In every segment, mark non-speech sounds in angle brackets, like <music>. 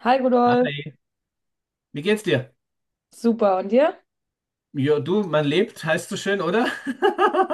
Hi Rudolf, Hi, wie geht's dir? super. Und dir? Ja, du, man lebt, heißt so schön, oder? <laughs>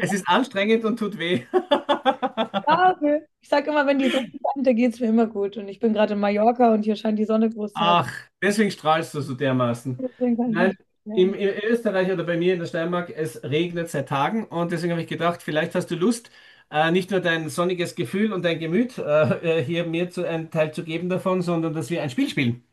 Es ist anstrengend und tut weh. <laughs> Danke. Ich sag immer, wenn die Sonne scheint, da geht's mir immer gut. Und ich bin gerade in Mallorca und hier scheint die Sonne großteils. Ach, deswegen strahlst du so dermaßen. Deswegen kann ich mich Nein, nicht werden. in Österreich oder bei mir in der Steiermark, es regnet seit Tagen und deswegen habe ich gedacht, vielleicht hast du Lust, nicht nur dein sonniges Gefühl und dein Gemüt hier mir zu, einen Teil zu geben davon, sondern dass wir ein Spiel spielen.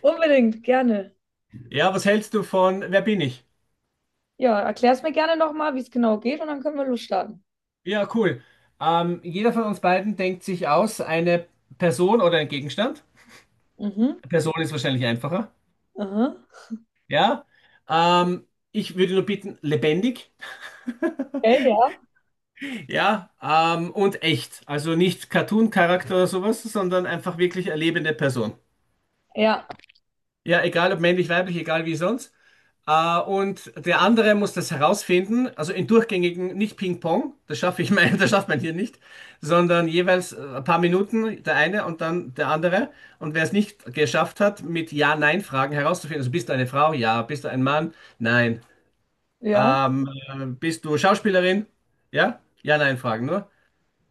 Unbedingt, gerne. Ja, was hältst du von Wer bin ich? Ja, erklär's mir gerne nochmal, wie es genau geht und dann können wir losstarten. Ja, cool. Jeder von uns beiden denkt sich aus eine Person oder ein Gegenstand. Mhm, Person ist wahrscheinlich einfacher. aha. Ja. Ähm, Ich würde nur bitten, lebendig. Okay, ja. Ja. Und echt. Also nicht Cartoon-Charakter oder sowas, sondern einfach wirklich eine lebende Person. Ja, Ja, egal ob männlich, weiblich, egal wie sonst. Und der andere muss das herausfinden, also in durchgängigen, nicht Ping-Pong, das schaffe ich mein, <laughs> das schafft man hier nicht, sondern jeweils ein paar Minuten der eine und dann der andere. Und wer es nicht geschafft hat, mit Ja-Nein-Fragen herauszufinden, also bist du eine Frau? Ja. Bist du ein Mann? Nein. ja. Bist du Schauspielerin? Ja? Ja-Nein-Fragen nur.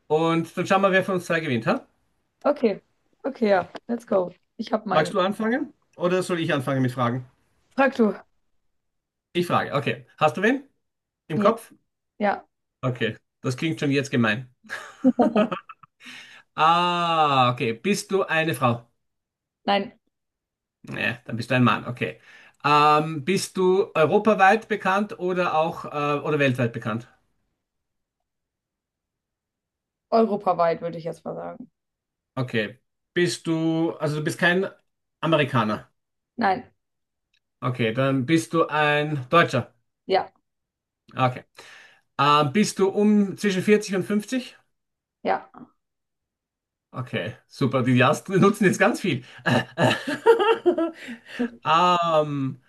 Und dann schauen wir, wer von uns zwei gewinnt, ha? Okay. Okay, ja. Let's go. Ich habe Magst meinen. du anfangen? Oder soll ich anfangen mit Fragen? Frag du. Ich frage, okay. Hast du wen im Ja, Kopf? ja. Okay, das klingt schon jetzt gemein. <laughs> Ah, okay. Bist du eine Frau? Nein. Ja, dann bist du ein Mann, okay. Bist du europaweit bekannt oder auch oder weltweit bekannt? Europaweit würde ich jetzt mal sagen. Okay. Also du bist kein Amerikaner. Nein. Okay, dann bist du ein Deutscher. Ja. Okay. Bist du um zwischen 40 und 50? Ja. Okay, super. Die Jastri nutzen jetzt ganz viel. <laughs> <laughs> Ähm,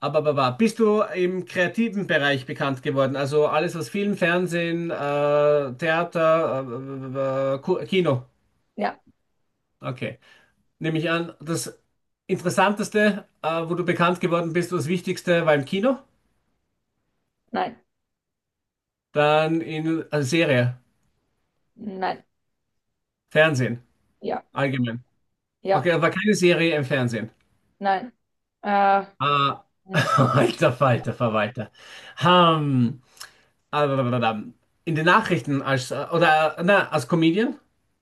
aber bist du im kreativen Bereich bekannt geworden? Also alles, was Film, Fernsehen, Theater, Kino. Ja. Okay. Nehme ich an, das Interessanteste, wo du bekannt geworden bist, das Wichtigste war im Kino, Nein. dann in Serie, Nein. Fernsehen, Ja. allgemein. Ja. Okay, aber keine Serie im Fernsehen. Nein. Äh, Ah, hm, <laughs> alter Falter, Verwalter. Ähm, ah, in den Nachrichten als, oder, na, als Comedian?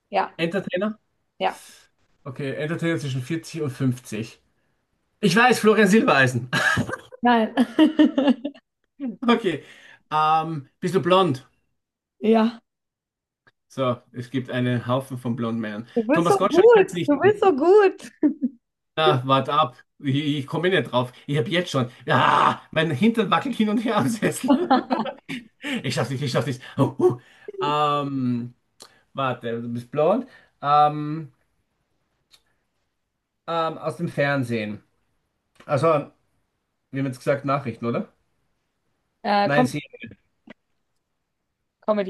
ja, Entertainer? ja. Okay, Entertainer zwischen 40 und 50. Ich weiß, Florian Silbereisen. <laughs> Nein. <laughs> Okay. Bist du blond? Ja. So, es gibt einen Haufen von blonden Männern. Du bist so Thomas Gottschalk kann es gut, nicht du sein. bist so gut. Na, wart ab. Ich komme nicht drauf. Ich habe jetzt schon. Ja, mein Hintern wackelt hin und her am Sessel. <laughs> <laughs> Ich schaff's nicht, ich schaff's nicht. Oh. Ähm, Warte, du bist blond. Ähm, Aus dem Fernsehen. Also, wir haben jetzt gesagt Nachrichten, oder? Äh, Nein, Com sie.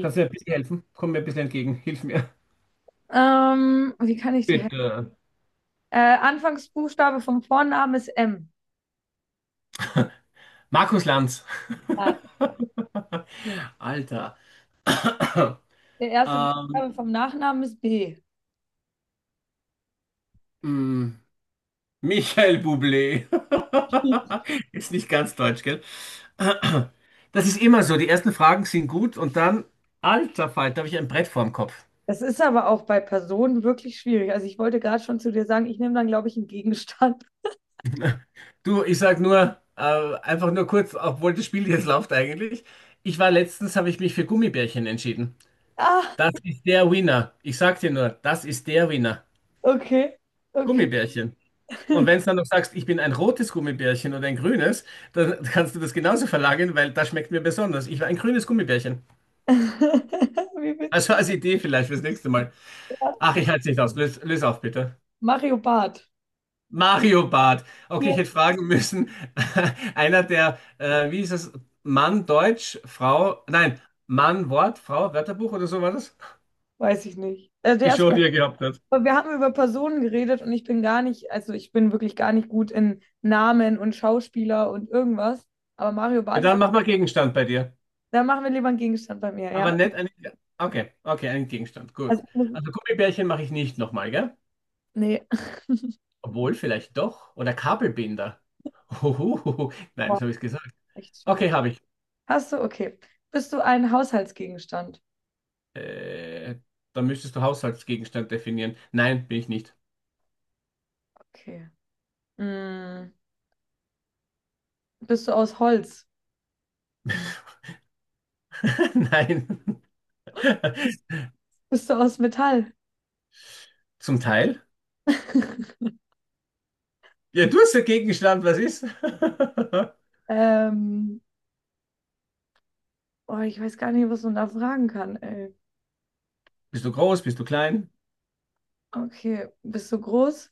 Kannst du mir ein bisschen helfen? Komm mir ein bisschen entgegen. Hilf mir. Wie kann ich dir helfen? Bitte. Anfangsbuchstabe vom Vornamen ist M. Markus Lanz. Ah, <laughs> Alter. <coughs> der erste Ähm, Buchstabe vom Nachnamen ist B. mh, Michael Bublé. <laughs> Ist nicht ganz deutsch, gell? <coughs> Das ist immer so. Die ersten Fragen sind gut und dann, alter Falter, habe ich ein Brett vorm Kopf. Das ist aber auch bei Personen wirklich schwierig. Also ich wollte gerade schon zu dir sagen, ich nehme dann, glaube ich, einen Gegenstand. <laughs> Du, ich sag nur, einfach nur kurz, obwohl das Spiel jetzt läuft eigentlich. Ich war letztens, habe ich mich für Gummibärchen entschieden. Ah, Das ist der Winner. Ich sag dir nur, das ist der Winner. okay, okay. Gummibärchen. Und wenn du dann noch sagst, ich bin ein rotes Gummibärchen oder ein grünes, dann kannst du das genauso verlagern, weil das schmeckt mir besonders. Ich war ein grünes Gummibärchen. <laughs> Wie Also witzig. als Idee vielleicht fürs nächste Mal. Ja. Ach, ich halte es nicht aus. Lös auf, bitte. Mario Barth. Mario Barth. Okay, ich Ja. hätte fragen müssen, <laughs> einer der, wie ist es, Mann Deutsch, Frau, nein, Mann Wort, Frau Wörterbuch oder so war das? Weiß ich nicht. Also der Die erste Show, die er gehabt hat. Aber wir haben über Personen geredet und ich bin gar nicht, also ich bin wirklich gar nicht gut in Namen und Schauspieler und irgendwas. Aber Mario Ja, Barth ist, dann mach mal Gegenstand bei dir. Da machen wir lieber einen Gegenstand bei mir, Aber ja. nicht einen, okay, einen Gegenstand, gut. Also, Also Gummibärchen mache ich nicht nochmal, gell? Nee, Obwohl, vielleicht doch. Oder Kabelbinder. Huhuhuhu. <laughs> Nein, boah, das habe ich gesagt. echt schwierig. Okay, habe ich. Hast du, okay. Bist du ein Haushaltsgegenstand? Äh, Dann müsstest du Haushaltsgegenstand definieren. Nein, bin ich nicht. Okay. Mm, Bist du aus Holz? <laughs> Nein. <laughs> Bist du aus Metall? Zum Teil. <laughs> Ja, du hast dagegen geschlagen, was ist? <laughs> ähm, oh, ich weiß gar nicht, was man da fragen kann, ey. Bist du groß, bist du klein? Okay. Bist du groß?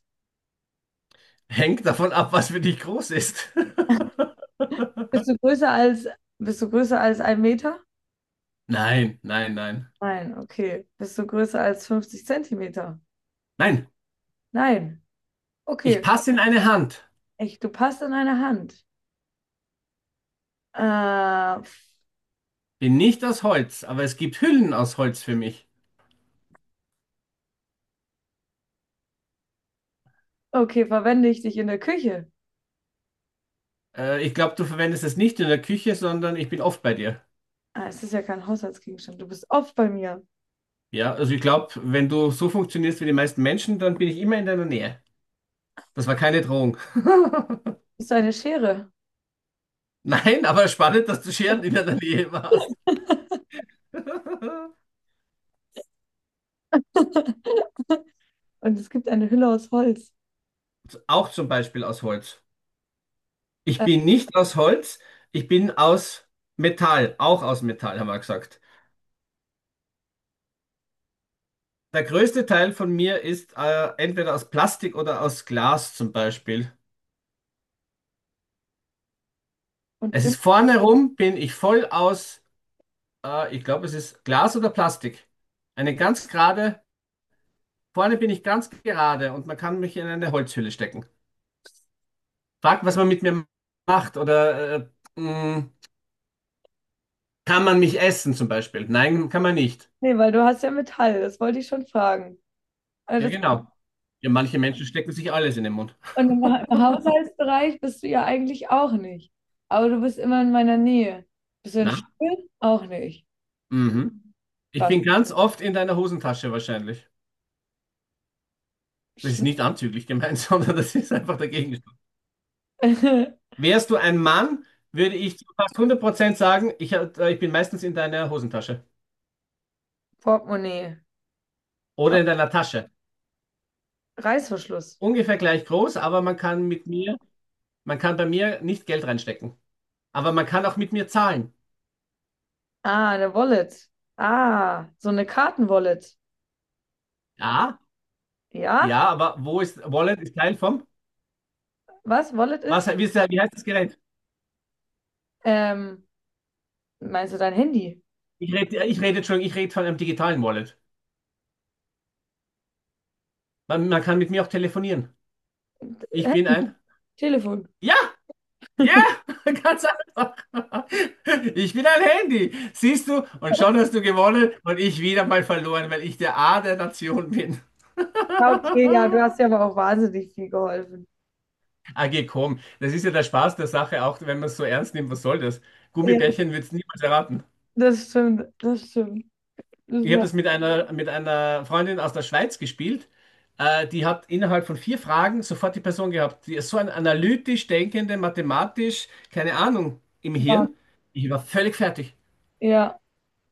Hängt davon ab, was für dich groß ist. Bist du größer als, Bist du größer als ein Meter? <laughs> Nein, nein, nein. Nein, okay. Bist du größer als 50 Zentimeter? Nein, Nein. ich Okay. passe in eine Hand. Echt, du passt in eine Hand. Äh, Bin nicht aus Holz, aber es gibt Hüllen aus Holz für mich. okay, verwende ich dich in der Küche? Ich glaube, du verwendest es nicht in der Küche, sondern ich bin oft bei dir. Ah, es ist ja kein Haushaltsgegenstand. Du bist oft bei mir. Ja, also ich glaube, wenn du so funktionierst wie die meisten Menschen, dann bin ich immer in deiner Nähe. Das war keine Drohung. <laughs> Bist du eine Schere? Nein, aber spannend, dass du Scheren in deiner Nähe warst. <laughs> <laughs> Und es gibt eine Hülle aus Holz. Auch zum Beispiel aus Holz. Ich Äh, bin nicht aus Holz, ich bin aus Metall, auch aus Metall, haben wir gesagt. Der größte Teil von mir ist entweder aus Plastik oder aus Glas zum Beispiel. und Es ist immer, vorne rum, bin ich voll aus, ich glaube, es ist Glas oder Plastik. Eine ganz gerade, vorne bin ich ganz gerade und man kann mich in eine Holzhülle stecken. Frag, was man mit mir macht oder mh, kann man mich essen zum Beispiel? Nein, kann man nicht. Nee, weil du hast ja Metall, das wollte ich schon fragen. Also Ja, das, genau. Ja, manche Menschen stecken sich alles in den Mund. und im, Ha- Im Haushaltsbereich bist du ja eigentlich auch nicht. Aber du bist immer in meiner Nähe. Bist du ein Na, Stuhl? Auch nicht. mhm. Ich Was? bin ganz oft in deiner Hosentasche wahrscheinlich. Das ist Schlu nicht anzüglich gemeint, <laughs> sondern das ist einfach der Gegenstand. <laughs> Wärst du ein Mann, würde ich zu fast 100% sagen, ich bin meistens in deiner Hosentasche Portemonnaie. Oh, oder in deiner Tasche. Reißverschluss. Ungefähr gleich groß, aber man kann bei mir nicht Geld reinstecken. Aber man kann auch mit mir zahlen. Ah, eine Wallet. Ah, so eine Kartenwallet. Ja, Ja? ja, aber Wallet ist Teil vom, Was Wallet ist? Wie heißt das Gerät? Ähm, Meinst du dein Handy? Ich rede, Entschuldigung, ich rede von einem digitalen Wallet. Man kann mit mir auch telefonieren. <laughs> Ich Hä? bin ein, Telefon. ja! Ja, <laughs> ganz einfach. Ich bin ein Handy, siehst du? Und schon hast du gewonnen und ich wieder mal verloren, weil ich der A der Nation bin. <laughs> Ja, okay, ja, du hast ja aber auch wahnsinnig viel geholfen. Ah, geh, komm. Das ist ja der Spaß der Sache, auch wenn man es so ernst nimmt. Was soll das? Ja, Gummibärchen wird es niemals erraten. das stimmt, das stimmt. Das Ich habe war, das mit einer Freundin aus der Schweiz gespielt. Die hat innerhalb von 4 Fragen sofort die Person gehabt. Die ist so ein analytisch denkende, mathematisch, keine Ahnung, im war- Hirn. Ich war völlig fertig. ja,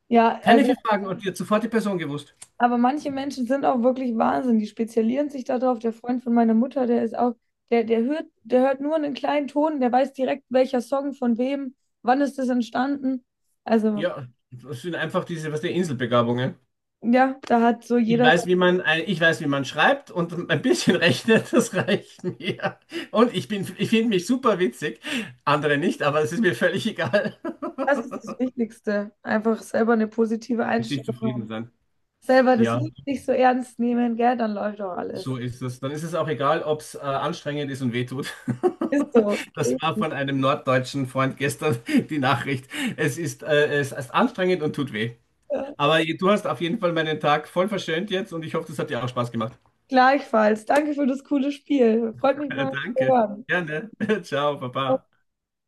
ja, Keine also. 4 Fragen und die hat sofort die Person gewusst. Aber manche Menschen sind auch wirklich Wahnsinn. Die spezialisieren sich darauf. Der Freund von meiner Mutter, der ist auch, der, der hört nur einen kleinen Ton, der weiß direkt, welcher Song von wem, wann ist das entstanden. Also, Ja, das sind einfach diese, was die Inselbegabungen. ja, da hat so jeder, Ich weiß, wie man schreibt und ein bisschen <laughs> rechnet, das reicht mir. Und ich finde mich super witzig. Andere nicht, aber es ist mir völlig egal. das ist das Wichtigste. Einfach selber eine positive <laughs> Mit sich Einstellung zufrieden haben. sein. Selber das Ja, Leben nicht so ernst nehmen, gell, dann läuft auch alles. so ist es. Dann ist es auch egal, ob es anstrengend ist und wehtut. <laughs> Ist so. Das war von einem norddeutschen Freund gestern die Nachricht. Es ist anstrengend und tut weh. Ja. Aber du hast auf jeden Fall meinen Tag voll verschönt jetzt und ich hoffe, das hat dir auch Spaß gemacht. Gleichfalls. Danke für das coole Spiel. Freut <laughs> mich mal zu Danke. hören. Gerne. <laughs> Ciao, Papa.